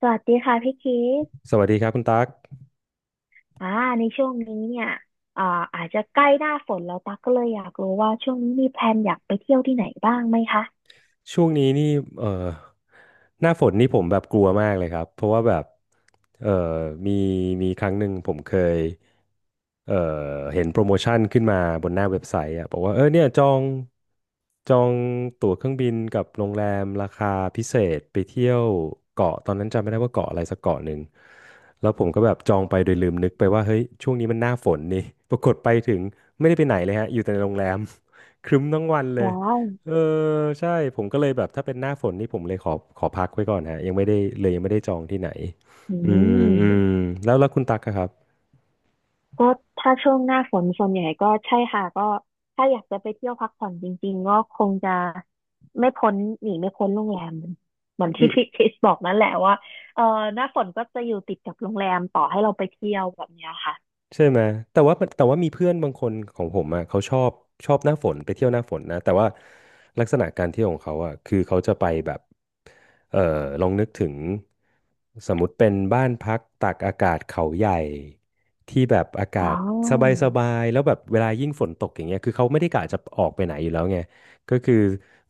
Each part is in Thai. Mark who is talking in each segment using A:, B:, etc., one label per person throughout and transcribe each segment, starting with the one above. A: สวัสดีค่ะพี่คิด
B: สวัสดีครับคุณตั๊ก
A: อ่าในช่วงนี้เนี่ยอ่าอาจจะใกล้หน้าฝนแล้วตั๊กก็เลยอยากรู้ว่าช่วงนี้มีแพลนอยากไปเที่ยวที่ไหนบ้างไหมคะ
B: ช่วงนี้นี่เอ่อหน้าฝนนี่ผมแบบกลัวมากเลยครับ เพราะว่าแบบเอ่อมีมีครั้งหนึ่งผมเคยเอ่อเห็นโปรโมชั่นขึ้นมาบนหน้าเว็บไซต์อ่ะบอกว่าเออเนี่ยจองตั๋วเครื่องบินกับโรงแรมราคาพิเศษไปเที่ยวเกาะตอนนั้นจำไม่ได้ว่าเกาะอะไรสักเกาะหนึ่ง แล้วผมก็แบบจองไปโดยลืมนึกไปว่าเฮ้ยช่วงนี้มันหน้าฝนนี่ ปรากฏไปถึงไม่ได้ไปไหนเลยฮะอยู่แต่ในโรงแรม ครึ้มทั้งวันเลย
A: ว้าว
B: เออใช่ผมก็เลยแบบถ้าเป็นหน้าฝนนี่ผมเลยขอพักไว้ก่อนฮะยังไม่ได้เลยยังไม่ได้จองที่ไหน
A: อื
B: อืมอืม
A: ม
B: แล้วคุณตักอะครับ
A: ก็ถ้าช่วงหน้าฝนส่วนใหญ่ก็ใช่ค่ะก็ถ้าอยากจะไปเที่ยวพักผ่อนจริงๆก็คงจะไม่พ้นหนีไม่พ้นโรงแรม เหมือนที่พี่คริสบอกนั่นแหละว่าเออหน้าฝนก็จะอยู่ติดกับโรงแรมต่อให้เราไปเที่ยวแบบเนี้ยค่ะ
B: ใช่ไหมแต่ว่ามีเพื่อนบางคนของผมอ่ะเขาชอบหน้าฝนไปเที่ยวหน้าฝนนะแต่ว่าลักษณะการเที่ยวของเขาอ่ะคือเขาจะไปแบบเอ่อลองนึกถึงสมมติเป็นบ้านพักตากอากาศเขาใหญ่ที่แบบอา
A: อ๋
B: กา
A: อ
B: ศสบายสบายแล้วแบบเวลายิ่งฝนตกอย่างเงี้ยคือเขาไม่ได้กะจะออกไปไหนอยู่แล้วไงก็คือ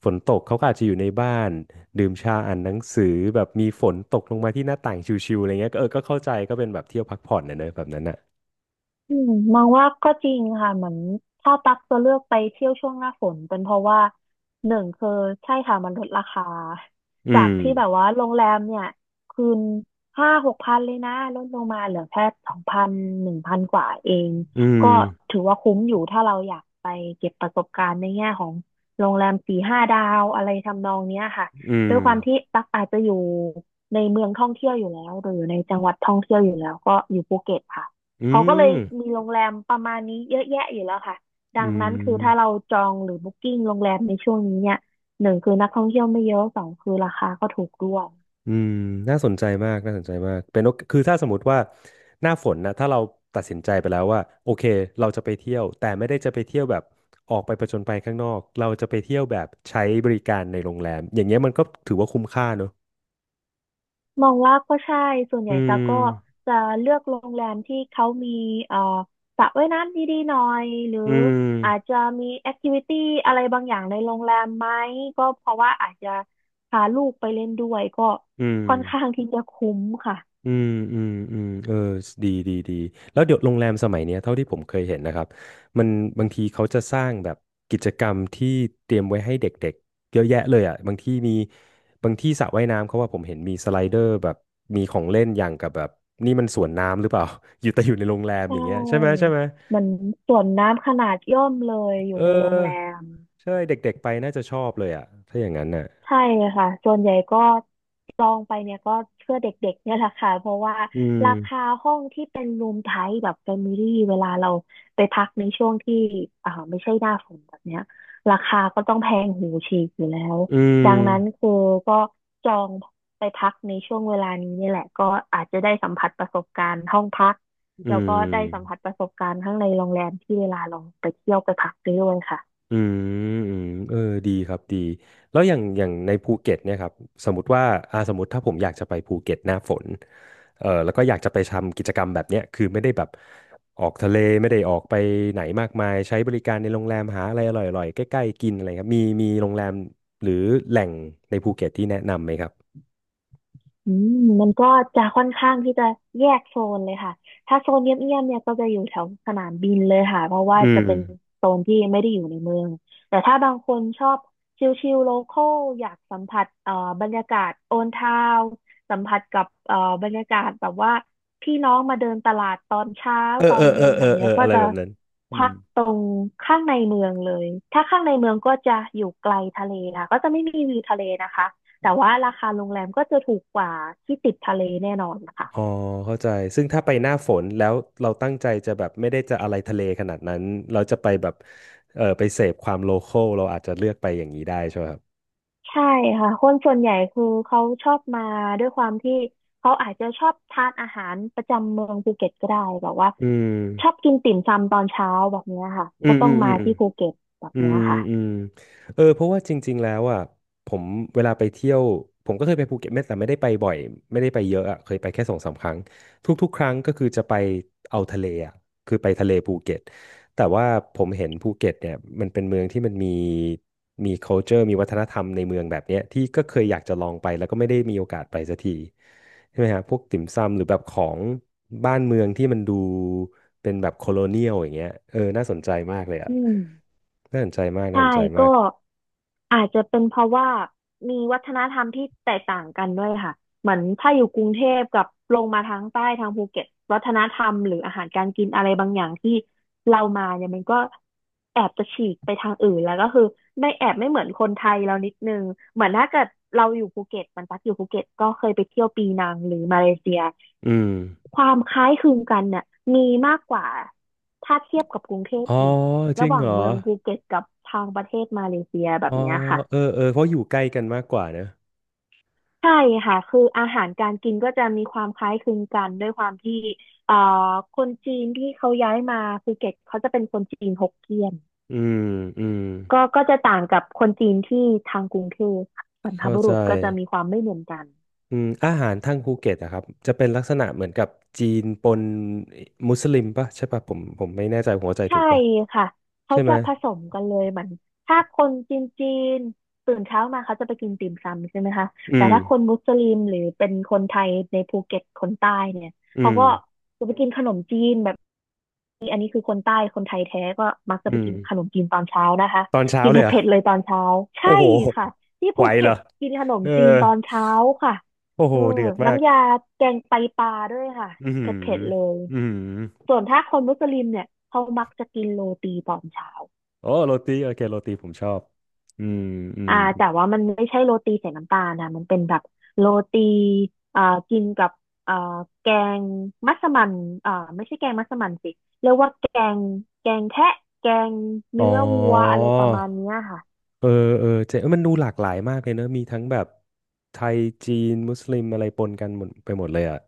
B: ฝนตกเขาก็อาจจะอยู่ในบ้านดื่มชาอ่านหนังสือแบบมีฝนตกลงมาที่หน้าต่างชิวๆอะไรเงี้ยก็เออก็เข้าใจก็เป็นแบบเที่ยวพักผ่อนนะเนอะแบบนั้นอ่ะ
A: อืมมองว่าก็จริงค่ะเหมือนถ้าตักจะเลือกไปเที่ยวช่วงหน้าฝนเป็นเพราะว่าหนึ่งคือใช่ค่ะมันลดราคา
B: อื
A: จาก
B: ม
A: ที่แบบว่าโรงแรมเนี่ยคืนห้าหกพันเลยนะลดลงมาเหลือแค่สองพันหนึ่งพันกว่าเอง
B: อืม
A: ก็ถือว่าคุ้มอยู่ถ้าเราอยากไปเก็บประสบการณ์ในแง่ของโรงแรมสี่ห้าดาวอะไรทำนองเนี้ยค่ะ
B: อื
A: ด้ว
B: ม
A: ยความที่ตักอาจจะอยู่ในเมืองท่องเที่ยวอยู่แล้วหรืออยู่ในจังหวัดท่องเที่ยวอยู่แล้วก็อยู่ภูเก็ตค่ะ
B: อื
A: เขาก็เลย
B: ม
A: มีโรงแรมประมาณนี้เยอะแยะอยู่แล้วค่ะดั
B: อื
A: งนั้นคือถ้าเรา
B: ม
A: จองหรือบุ๊กิ้งโรงแรมในช่วงนี้เนี่ยหนึ่งคือนักท่องเที่ยวไม่เยอะสองคือราคาก็ถูกด้วย
B: อืมน่าสนใจมากน่าสนใจมากเป็นโอคือถ้าสมมติว่า หน้าฝนนะถ้าเราตัดสินใจไปแล้วว่าโอเคเราจะไปเที่ยว แต่ไม่ได้จะไปเที่ยวแบบออกไปผจญภัยข้างนอกเราจะไปเที่ยวแบบใช้บริการในโรงแรมอย่างเงี้ยมันก็ถือว่าคุ้มค่าเนอะ
A: มองว่าก็ใช่ส่วนให
B: อื
A: ญ่ตา
B: ม
A: จะเลือกโรงแรมที่เขามีเอ่อสระว่ายน้ำดีๆหน่อยหรือ
B: อื
A: อาจ
B: ม
A: จะมีแอคทิวิตี้อะไรบางอย่างในโรงแรมไหมก็เพราะว่าอาจจะพาลูกไปเล่นด้วยก็
B: อืม
A: ค่อนข้างที่จะคุ้มค่ะ
B: อืมอืมอืมเออดีดีดีแล้วเดี๋ยวโรงแรมสมัยเนี้ยเท่าที่ผมเคยเห็นนะครับมันบางทีเขาจะสร้างแบบกิจกรรมที่เตรียมไว้ให้เด็กๆเยอะแยะเลยอ่ะบางที่มีบางที่สระว่ายน้ำเขาว่าผมเห็นมีสไลเดอร์แบบมีของเล่นอย่างกับแบบนี่มันสวนน้ำหรือเปล่า อยู่แต่อยู่ในโรงแรม
A: ใช
B: อย่างเงี้ยใช่ไหม
A: ่
B: ใช่ไหม
A: เหมือนสวนน้ำขนาดย่อมเลยอยู่
B: เอ
A: ในโรงแร
B: อ
A: ม
B: ใช่เด็กๆไปน่าจะชอบเลยอ่ะถ้าอย่างนั้นน่ะ
A: ใช่ค่ะส่วนใหญ่ก็จองไปเนี่ยก็เพื่อเด็กๆเนี่ยแหละค่ะเพราะว่า
B: อืม
A: ราคาห้องที่เป็นรูมไทป์แบบแฟมิลี่เวลาเราไปพักในช่วงที่ไม่ใช่หน้าฝนแบบเนี้ยราคาก็ต้องแพงหูฉีกอยู่แล้ว
B: อื
A: ดัง
B: ม
A: นั้นคือก็จองไปพักในช่วงเวลานี้เนี่ยแหละก็อาจจะได้สัมผัสประสบการณ์ห้องพัก
B: อื
A: แล้วก็ได้สัมผัสป
B: ม
A: ระสบการณ์ข้างในโรงแรมที่เวลาเราไปเที่ยวไปพักไปด้วยค่ะ
B: อืมอืมเออดีครับดีแล้วอย่างในภูเก็ตเนี่ยครับสมมติว่าอ่าสมมติถ้าผมอยากจะไปภูเก็ตหน้าฝนเออแล้วก็อยากจะไปทำกิจกรรมแบบเนี้ยคือไม่ได้แบบออกทะเลไม่ได้ออกไปไหนมากมายใช้บริการในโรงแรมหาอะไรอร่อยๆใกล้ๆกินอะไรครับมีโรงแรมหรือแหล่งในภูเก็ตที่แนะนำไหมครับ
A: อืมมันก็จะค่อนข้างที่จะแยกโซนเลยค่ะถ้าโซนเงียบๆเนี่ยก็จะอยู่แถวสนามบินเลยค่ะเพราะว่า
B: อื
A: จะ
B: ม
A: เป็นโซนที่ไม่ได้อยู่ในเมืองแต่ถ้าบางคนชอบชิลๆโลคอลอยากสัมผัสบรรยากาศโอนทาวสัมผัสกับบรรยากาศแบบว่าพี่น้องมาเดินตลาดตอนเช้า
B: เอ
A: ต
B: อ
A: อ
B: เอ
A: น
B: อเอ
A: เย็
B: อ
A: นแบ
B: เออ
A: บ
B: เอ
A: เนี้ย
B: อ
A: ก็
B: อะไร
A: จะ
B: แบบนั้นอื
A: พั
B: ม
A: กตรงข้างในเมืองเลยถ้าข้างในเมืองก็จะอยู่ไกลทะเลค่ะก็จะไม่มีวิวทะเลนะคะ แต่ว่าราคาโรงแรมก็จะถูกกว่าที่ติดทะเลแน่นอนนะคะ
B: อ๋อเข้าใจซึ่งถ้าไปหน้าฝนแล้วเราตั้งใจจะแบบไม่ได้จะอะไรทะเลขนาดนั้นเราจะไปแบบเออไปเสพความโลคอลเราอาจจะเลือกไปอย่างนี้ได้ใช่ไหมครับ
A: ใช่ค่ะคนส่วนใหญ่คือเขาชอบมาด้วยความที่เขาอาจจะชอบทานอาหารประจำเมืองภูเก็ตก็ได้แบบว่า
B: อืม
A: ชอบกินติ่มซำตอนเช้าแบบเนี้ยค่ะ
B: อื
A: ก็
B: ม
A: ต้
B: อื
A: อง
B: มอื
A: มา
B: ม
A: ที่ภูเก็ตแบบ
B: อื
A: เนี้
B: ม
A: ยค่ะ
B: อืมเออเพราะว่าจริงๆแล้วอ่ะผมเวลาไปเที่ยวผมก็เคยไปภูเก็ตไม่แต่ไม่ได้ไปบ่อยไม่ได้ไปเยอะอ่ะเคยไปแค่สองสามครั้งทุกๆครั้งก็คือจะไปเอาทะเลอ่ะคือไปทะเลภูเก็ตแต่ว่าผมเห็นภูเก็ตเนี่ยมันเป็นเมืองที่มันมี culture มีวัฒนธรรมในเมืองแบบเนี้ยที่ก็เคยอยากจะลองไปแล้วก็ไม่ได้มีโอกาสไปสักที ใช่ไหมฮะพวกติ่มซำหรือแบบของบ้านเมืองที่มันดูเป็นแบบโคโลเนียลอย่างเงี้ยเออน่าสนใจมากเลยอ่ะ
A: อืม
B: น่าสนใจมากน่า
A: ใช่
B: สนใจ
A: ก็
B: มาก
A: อาจจะเป็นเพราะว่ามีวัฒนธรรมที่แตกต่างกันด้วยค่ะเหมือนถ้าอยู่กรุงเทพกับลงมาทางใต้ทางภูเก็ตวัฒนธรรมหรืออาหารการกินอะไรบางอย่างที่เรามาเนี่ยมันก็แอบจะฉีกไปทางอื่นแล้วก็คือไม่แอบไม่เหมือนคนไทยเรานิดนึงเหมือนถ้าเกิดเราอยู่ภูเก็ตมันตักอยู่ภูเก็ตก็เคยไปเที่ยวปีนังหรือมาเลเซีย
B: อืม
A: ความคล้ายคลึงกันเนี่ยมีมากกว่าถ้าเทียบกับกรุงเทพ
B: อ๋อ
A: อีก
B: จ
A: ระ
B: ริง
A: หว่า
B: เห
A: ง
B: รอ
A: เมืองภูเก็ตกับทางประเทศมาเลเซียแบ
B: อ๋
A: บ
B: อ
A: เนี้ยค่ะ
B: เออเออเพราะอยู่ใกล้กันมากกว่าเนอะ
A: ใช่ค่ะคืออาหารการกินก็จะมีความคล้ายคลึงกันด้วยความที่เอ่อคนจีนที่เขาย้ายมาภูเก็ตเขาจะเป็นคนจีนฮกเกี้ยน
B: อืมอืม
A: ก็จะต่างกับคนจีนที่ทางกรุงเทพค่ะบรรพ
B: เข้า
A: บุ
B: ใจ
A: รุษก็จะมีความไม่เหมือนกัน
B: อืมอาหารทางภูเก็ตอะครับจะเป็นลักษณะเหมือนกับจีนปนมุสลิมปะใช่ปะผมไม่แน่ใจผมเข้าใจถู
A: ใช่
B: กปะ
A: ค่ะเขา
B: ใช่ไหม
A: จะผสมกันเลยเหมือนถ้าคนจีนจีนตื่นเช้ามาเขาจะไปกินติ่มซำใช่ไหมคะ
B: อื
A: แต่
B: ม
A: ถ้าคนมุสลิมหรือเป็นคนไทยในภูเก็ตคนใต้เนี่ย
B: อื
A: เขา
B: ม
A: ก็จะไปกินขนมจีนแบบ คือคนใต้คนไทยแท้ก็มักจะ
B: อื
A: ไป
B: ม
A: กินขนมจีนตอนเช้านะคะ
B: ตอนเช้า
A: กิน
B: เลยเหรอ
A: เผ็ดๆเลยตอนเช้า
B: โอ้
A: ใช่
B: โห
A: ค่ะที่
B: ไหว
A: ภู
B: เห
A: เก็
B: รอ
A: ตกินขนม
B: เออ
A: จีนตอนเช้าค่ะ
B: โอ้โห
A: เออ
B: เดือดมาก
A: น้ำยาแกงไตปลาด้วยค่ะ
B: อือ
A: เผ
B: หือ
A: ็ดๆเลย
B: อือหือ
A: ส่วนถ้าคนมุสลิมเนี่ยเขามักจะกินโรตีตอนเช้า
B: โอ้โรตีโอเคโรตีผมชอบ อืม อืม
A: แต่ว่ามันไม่ใช่โรตีใส่น้ำตาลนะมันเป็นแบบโรตีอ่ากินกับอ่าแกงมัสมั่นไม่ใช่แกงมัสมั่นสิเรียกว่าแกงแทะแกง
B: อ๋อ
A: เนื้อวัวอะไรประมาณเนี้ยค่ะ
B: เออ เออเจ๊เอ้ยมันดูหลากหลายมากเลยเนอะ มีทั้งแบบไทยจีนมุสลิมอะไรปนกันหมดไปหมดเลยอ่ะ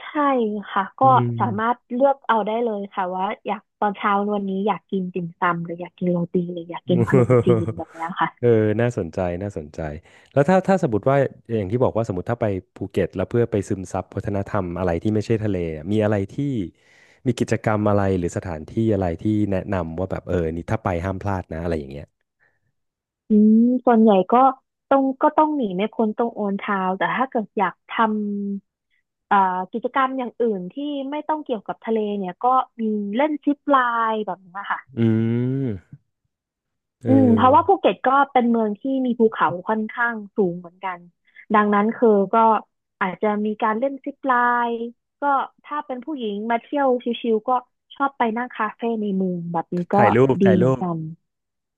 A: ใช่ค่ะ
B: อื
A: ก็
B: ม
A: สามารถเลือกเอาได้เลยค่ะว่าอยากตอนเช้าวันนี้อยากกินติ่มซำหรืออยากกินโรตีหรืออยากกินขนมจีนแบ บเนี้ยค่ะ
B: เออน่าสนใจน่าสนใจ แล้วถ้าสมมติว่าอย่างที่บอกว่าสมมติถ้าไปภูเก็ตแล้วเพื่อไปซึมซับวัฒนธรรมอะไรที่ไม่ใช่ทะเลอะมีอะไรที่มีกิจกรรมอะไรหรือสถานที่อะไรที่แนะนำว่าแบบเออนี่ถ้าไปห้ามพลาดนะอะไรอย่างเงี้ย
A: อืมส่วนใหญ่ก็ต้องหนีไม่พ้นตรงโอนเท้าแต่ถ้าเกิดอยากทำ อ่ากิจกรรมอย่างอื่นที่ไม่ต้องเกี่ยวกับทะเลเนี่ยก็มีเล่นซิปไลน์แบบนี้ค่ะ
B: อืมเอ
A: อืมเพราะว่า
B: อ
A: ภูเก็ตก็เป็นเมืองที่มีภูเขาค่อนข้างสูงเหมือนกันดังนั้นคือก็อาจจะมีการเล่นซิปไลน์ก็ถ้าเป็นผู้หญิงมาเที่ยวชิลๆก็ชอบไปนั่งคาเฟ่ในเมืองแบบนี้ก็
B: ถ่ายรูป
A: ดี
B: ถ่าย
A: เหมื
B: รู
A: อน
B: ป
A: กัน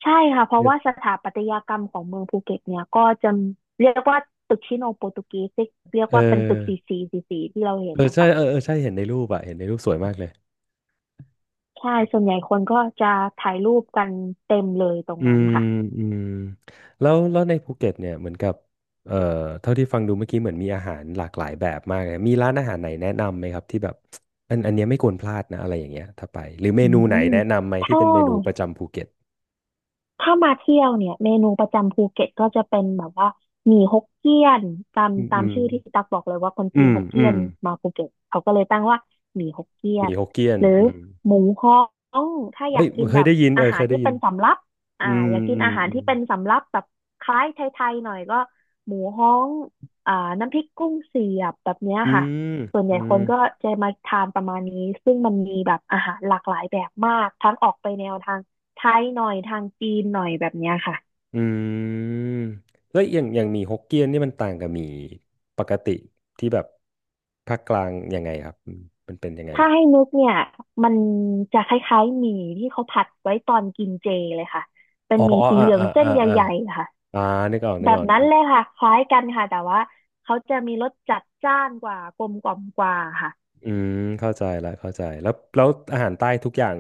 A: ใช่ค่ะเพ
B: เอ
A: ราะ
B: อ
A: ว่าสถาปัตยกรรมของเมืองภูเก็ตเนี่ยก็จะเรียกว่าตึกชิโนโปรตุเกสที่เรียกว่าเป็นตึกสีสีที่เราเห็
B: เอ
A: น
B: อ
A: นะ
B: ใช่
A: คะ
B: เออเออใช่เห็นในรูปอะเห็นในรูปสวยมากเลย
A: ใช่ส่วนใหญ่คนก็จะถ่ายรูปกันเต็มเลยตรง
B: อื
A: นั้น
B: ม
A: ค่ะ
B: อืมแล้วในภูเก็ตเนี่ยเหมือนกับเอ่อเท่าที่ฟังดูเมื่อกี้เหมือนมีอาหารหลากหลายแบบมากเลยมีร้านอาหารไหนแนะนำไหมครับที่แบบอันเนี้ยไม่ควรพลาดนะอะไรอย่างเงี้ยถ้าไปหรือเม
A: อื
B: นูไหน
A: ม
B: แนะนำไหมที่
A: ถ้า
B: เป็นเมนูประจำภูเก็ต
A: ถ้ามาเที่ยวเนี่ยเมนูประจำภูเก็ตก็จะเป็นแบบว่าหมี่ฮกเกี้ยน
B: อืมอื
A: ตาม
B: ม
A: ชื่อที่ตักบอกเลยว่าคน
B: อื
A: จีน
B: ม
A: ฮก
B: อื
A: เกี้ย
B: ม
A: นมาภูเก็ตเขาก็เลยตั้งว่าหมี่ฮกเกี้ย
B: มี
A: น
B: ฮกเกี้ยน
A: หรือ
B: อืม
A: หมูฮ้องถ้าอ
B: เอ้
A: ยา
B: ย
A: กกิน
B: เค
A: แบ
B: ย
A: บ
B: ได้ยินเอ
A: อา
B: อ
A: หา
B: เค
A: ร
B: ยได้
A: ที่
B: ยิ
A: เป็
B: น
A: นสำรับ
B: อืม
A: อยากกิน
B: อืม
A: อาหาร
B: อืม
A: ที่เป็นสำรับแบบคล้ายไทยๆหน่อยก็หมูฮ้องอ่าน้ำพริกกุ้งเสียบแบบเนี้ย
B: อื
A: ค่ะ
B: ม
A: ส่วนให
B: อื
A: ญ่ค
B: ม
A: นก็จะมาทานประมาณนี้ซึ่งมันมีแบบอาหารหลากหลายแบบมากทั้งออกไปแนวทาง ไทยหน่อยทางจีนหน่อยแบบเนี้ยค่ะ
B: อืมแล้วอย่างหมี่ฮกเกี้ยนนี่มันต่างกับหมี่ปกติที่แบบภาคกลางยังไงครับอืมมันเป็นยังไงเห
A: ถ้า
B: รอ
A: ให้นึกเนี่ยมันจะคล้ายๆหมี่ที่เขาผัดไว้ตอนกินเจเลยค่ะ เป็น
B: อ๋อ
A: หมี่
B: อ๋อ
A: สี
B: อ่า
A: เหลือง
B: อ่า
A: เส้น
B: อ่า
A: ใ
B: อ่า
A: หญ่ๆค่ะ
B: อ่านึกออก
A: แบ
B: นึกอ
A: บ
B: อกนึ
A: นั้
B: ก
A: น
B: ออก
A: เลยค่ะคล้ายกันค่ะแต่ว่าเขาจะมีรสจัดจ้านกว่ากลมกล่อมกว่าค่ะ
B: อืมเข้าใจละเข้าใจแล้วแล้วอาหารใต้ทุกอย่าง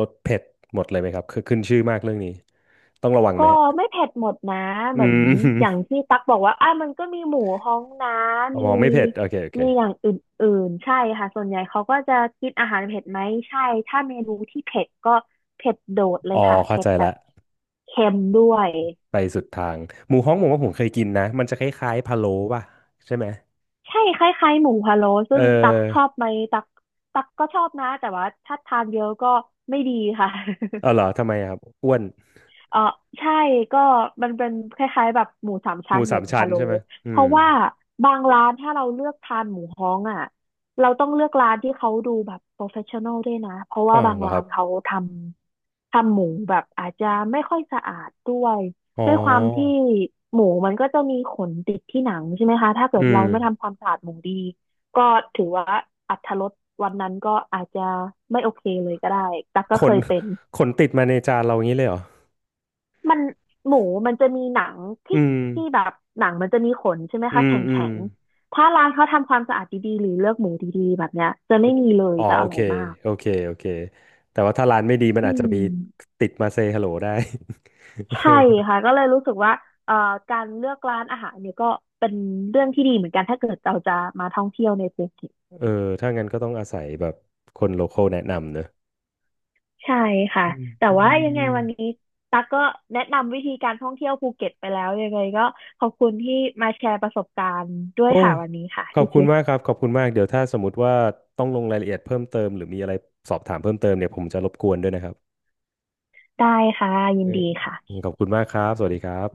B: รสเผ็ดหมดเลยไหมครับคือขึ้นชื่อมากเรื่องนี้ต้องระวังไห
A: ก็
B: มฮะ
A: ไม่เผ็ดหมดนะ
B: อื
A: เหมือน
B: ม
A: อย่างที่ตักบอกว่าอ่ะมันก็มีหมูฮ้องนะ
B: อ๋อ
A: มี
B: ไม่เผ็ดโอเคโอเค
A: มีอย่างอื่นๆใช่ค่ะส่วนใหญ่เขาก็จะกินอาหารเผ็ดไหมใช่ถ้าเมนูที่เผ็ดก็เผ็ดโดดเล
B: อ๋
A: ย
B: อ
A: ค่ะ
B: เข้า
A: เผ็ด
B: ใจ
A: แบ
B: ละ
A: บเค็มด้วย
B: ไปสุดทางหมูฮ้องผมว่าผมเคยกินนะมันจะคล้ายๆพะโล้ป่ะใช่ไหม
A: ใช่คล้ายๆหมูพะโล้
B: เ
A: ซึ่งตักชอ
B: ออ
A: บไหมตักตักก็ชอบนะแต่ว่าถ้าทานเยอะก็ไม่ดีค่ะ
B: เออเหรอ ทำไมอะครับอ้วน
A: เออใช่ก็มันเป็นคล้ายๆแบบหมูสาม
B: ห
A: ชั้
B: มู
A: นห
B: สา
A: มู
B: มชั้น
A: พะโล้
B: ใช่ไหมอื
A: เพ
B: ม
A: ราะว่าบางร้านถ้าเราเลือกทานหมูฮ้องอ่ะเราต้องเลือกร้านที่เขาดูแบบโปรเฟชชั่นอลด้วยนะเพราะว่า
B: อ๋อ
A: บาง
B: เหรอค
A: ร้า
B: รั
A: น
B: บ
A: เขาทำหมูแบบอาจจะไม่ค่อยสะอาดด้วย
B: อ๋
A: ด้วยความที่
B: อ
A: หมูมันก็จะมีขนติดที่หนังใช่ไหมคะถ้าเกิ
B: อื
A: ดเรา
B: ม
A: ไม่ทำความสะอาดหมูดีก็ถือว่าอรรถรสวันนั้นก็อาจจะไม่โอเคเลยก็ได้ตัก
B: ข
A: ก็เค
B: น
A: ยเป็น
B: ขนติดมาในจานเราอย่างนี้เลยเหรอ
A: มันหมูมันจะมีหนัง
B: อื
A: ที่
B: ม
A: ที่แบบหนังมันจะมีขนใช่ไหม
B: อื
A: คะ
B: ม
A: แข็ง
B: อืม
A: แข็งถ้าร้านเขาทำความสะอาดดีๆหรือเลือกหมูดีๆแบบเนี้ยจะ
B: คื
A: ไม่
B: อ
A: มีเลย
B: อ๋อ
A: จะอ
B: โอ
A: ร่
B: เค
A: อยมาก
B: โอเค โอเค แต่ว่าถ้าร้านไม่ดีมัน
A: อื
B: อาจจะ
A: ม
B: มีติดมาเซฮัลโหลได้
A: ใช่ค่ะก็เลยรู้สึกว่าเอ่อการเลือกร้านอาหารเนี่ยก็เป็นเรื่องที่ดีเหมือนกันถ้าเกิดเราจะมาท่องเที่ยวในภูเก็ต
B: เออ ถ้างั้นก็ต้องอาศัยแบบคนโลคอลแนะนำเนอะ
A: ใช่ค่ะ
B: อืม
A: แต่
B: อื
A: ว่ายังไง
B: ม
A: วันนี้ตั๊กก็แนะนำวิธีการท่องเที่ยวภูเก็ตไปแล้วยังไงก็ขอบคุณที่มาแชร์ประสบการณ์ด้วย
B: โอ้
A: ค่ะวันนี้ค่ะ
B: ขอบ
A: พี่
B: คุ
A: คิ
B: ณมาก
A: ด
B: ครับขอบคุณมากเดี๋ยวถ้าสมมติว่าต้องลงรายละเอียดเพิ่มเติมหรือมีอะไรสอบถามเพิ่มเติมเนี่ยผมจะรบกวนด้วยนะครับ
A: ได้ค่ะยิน
B: เออ
A: ดีค่ะ
B: ขอบคุณมากครับสวัสดีครับ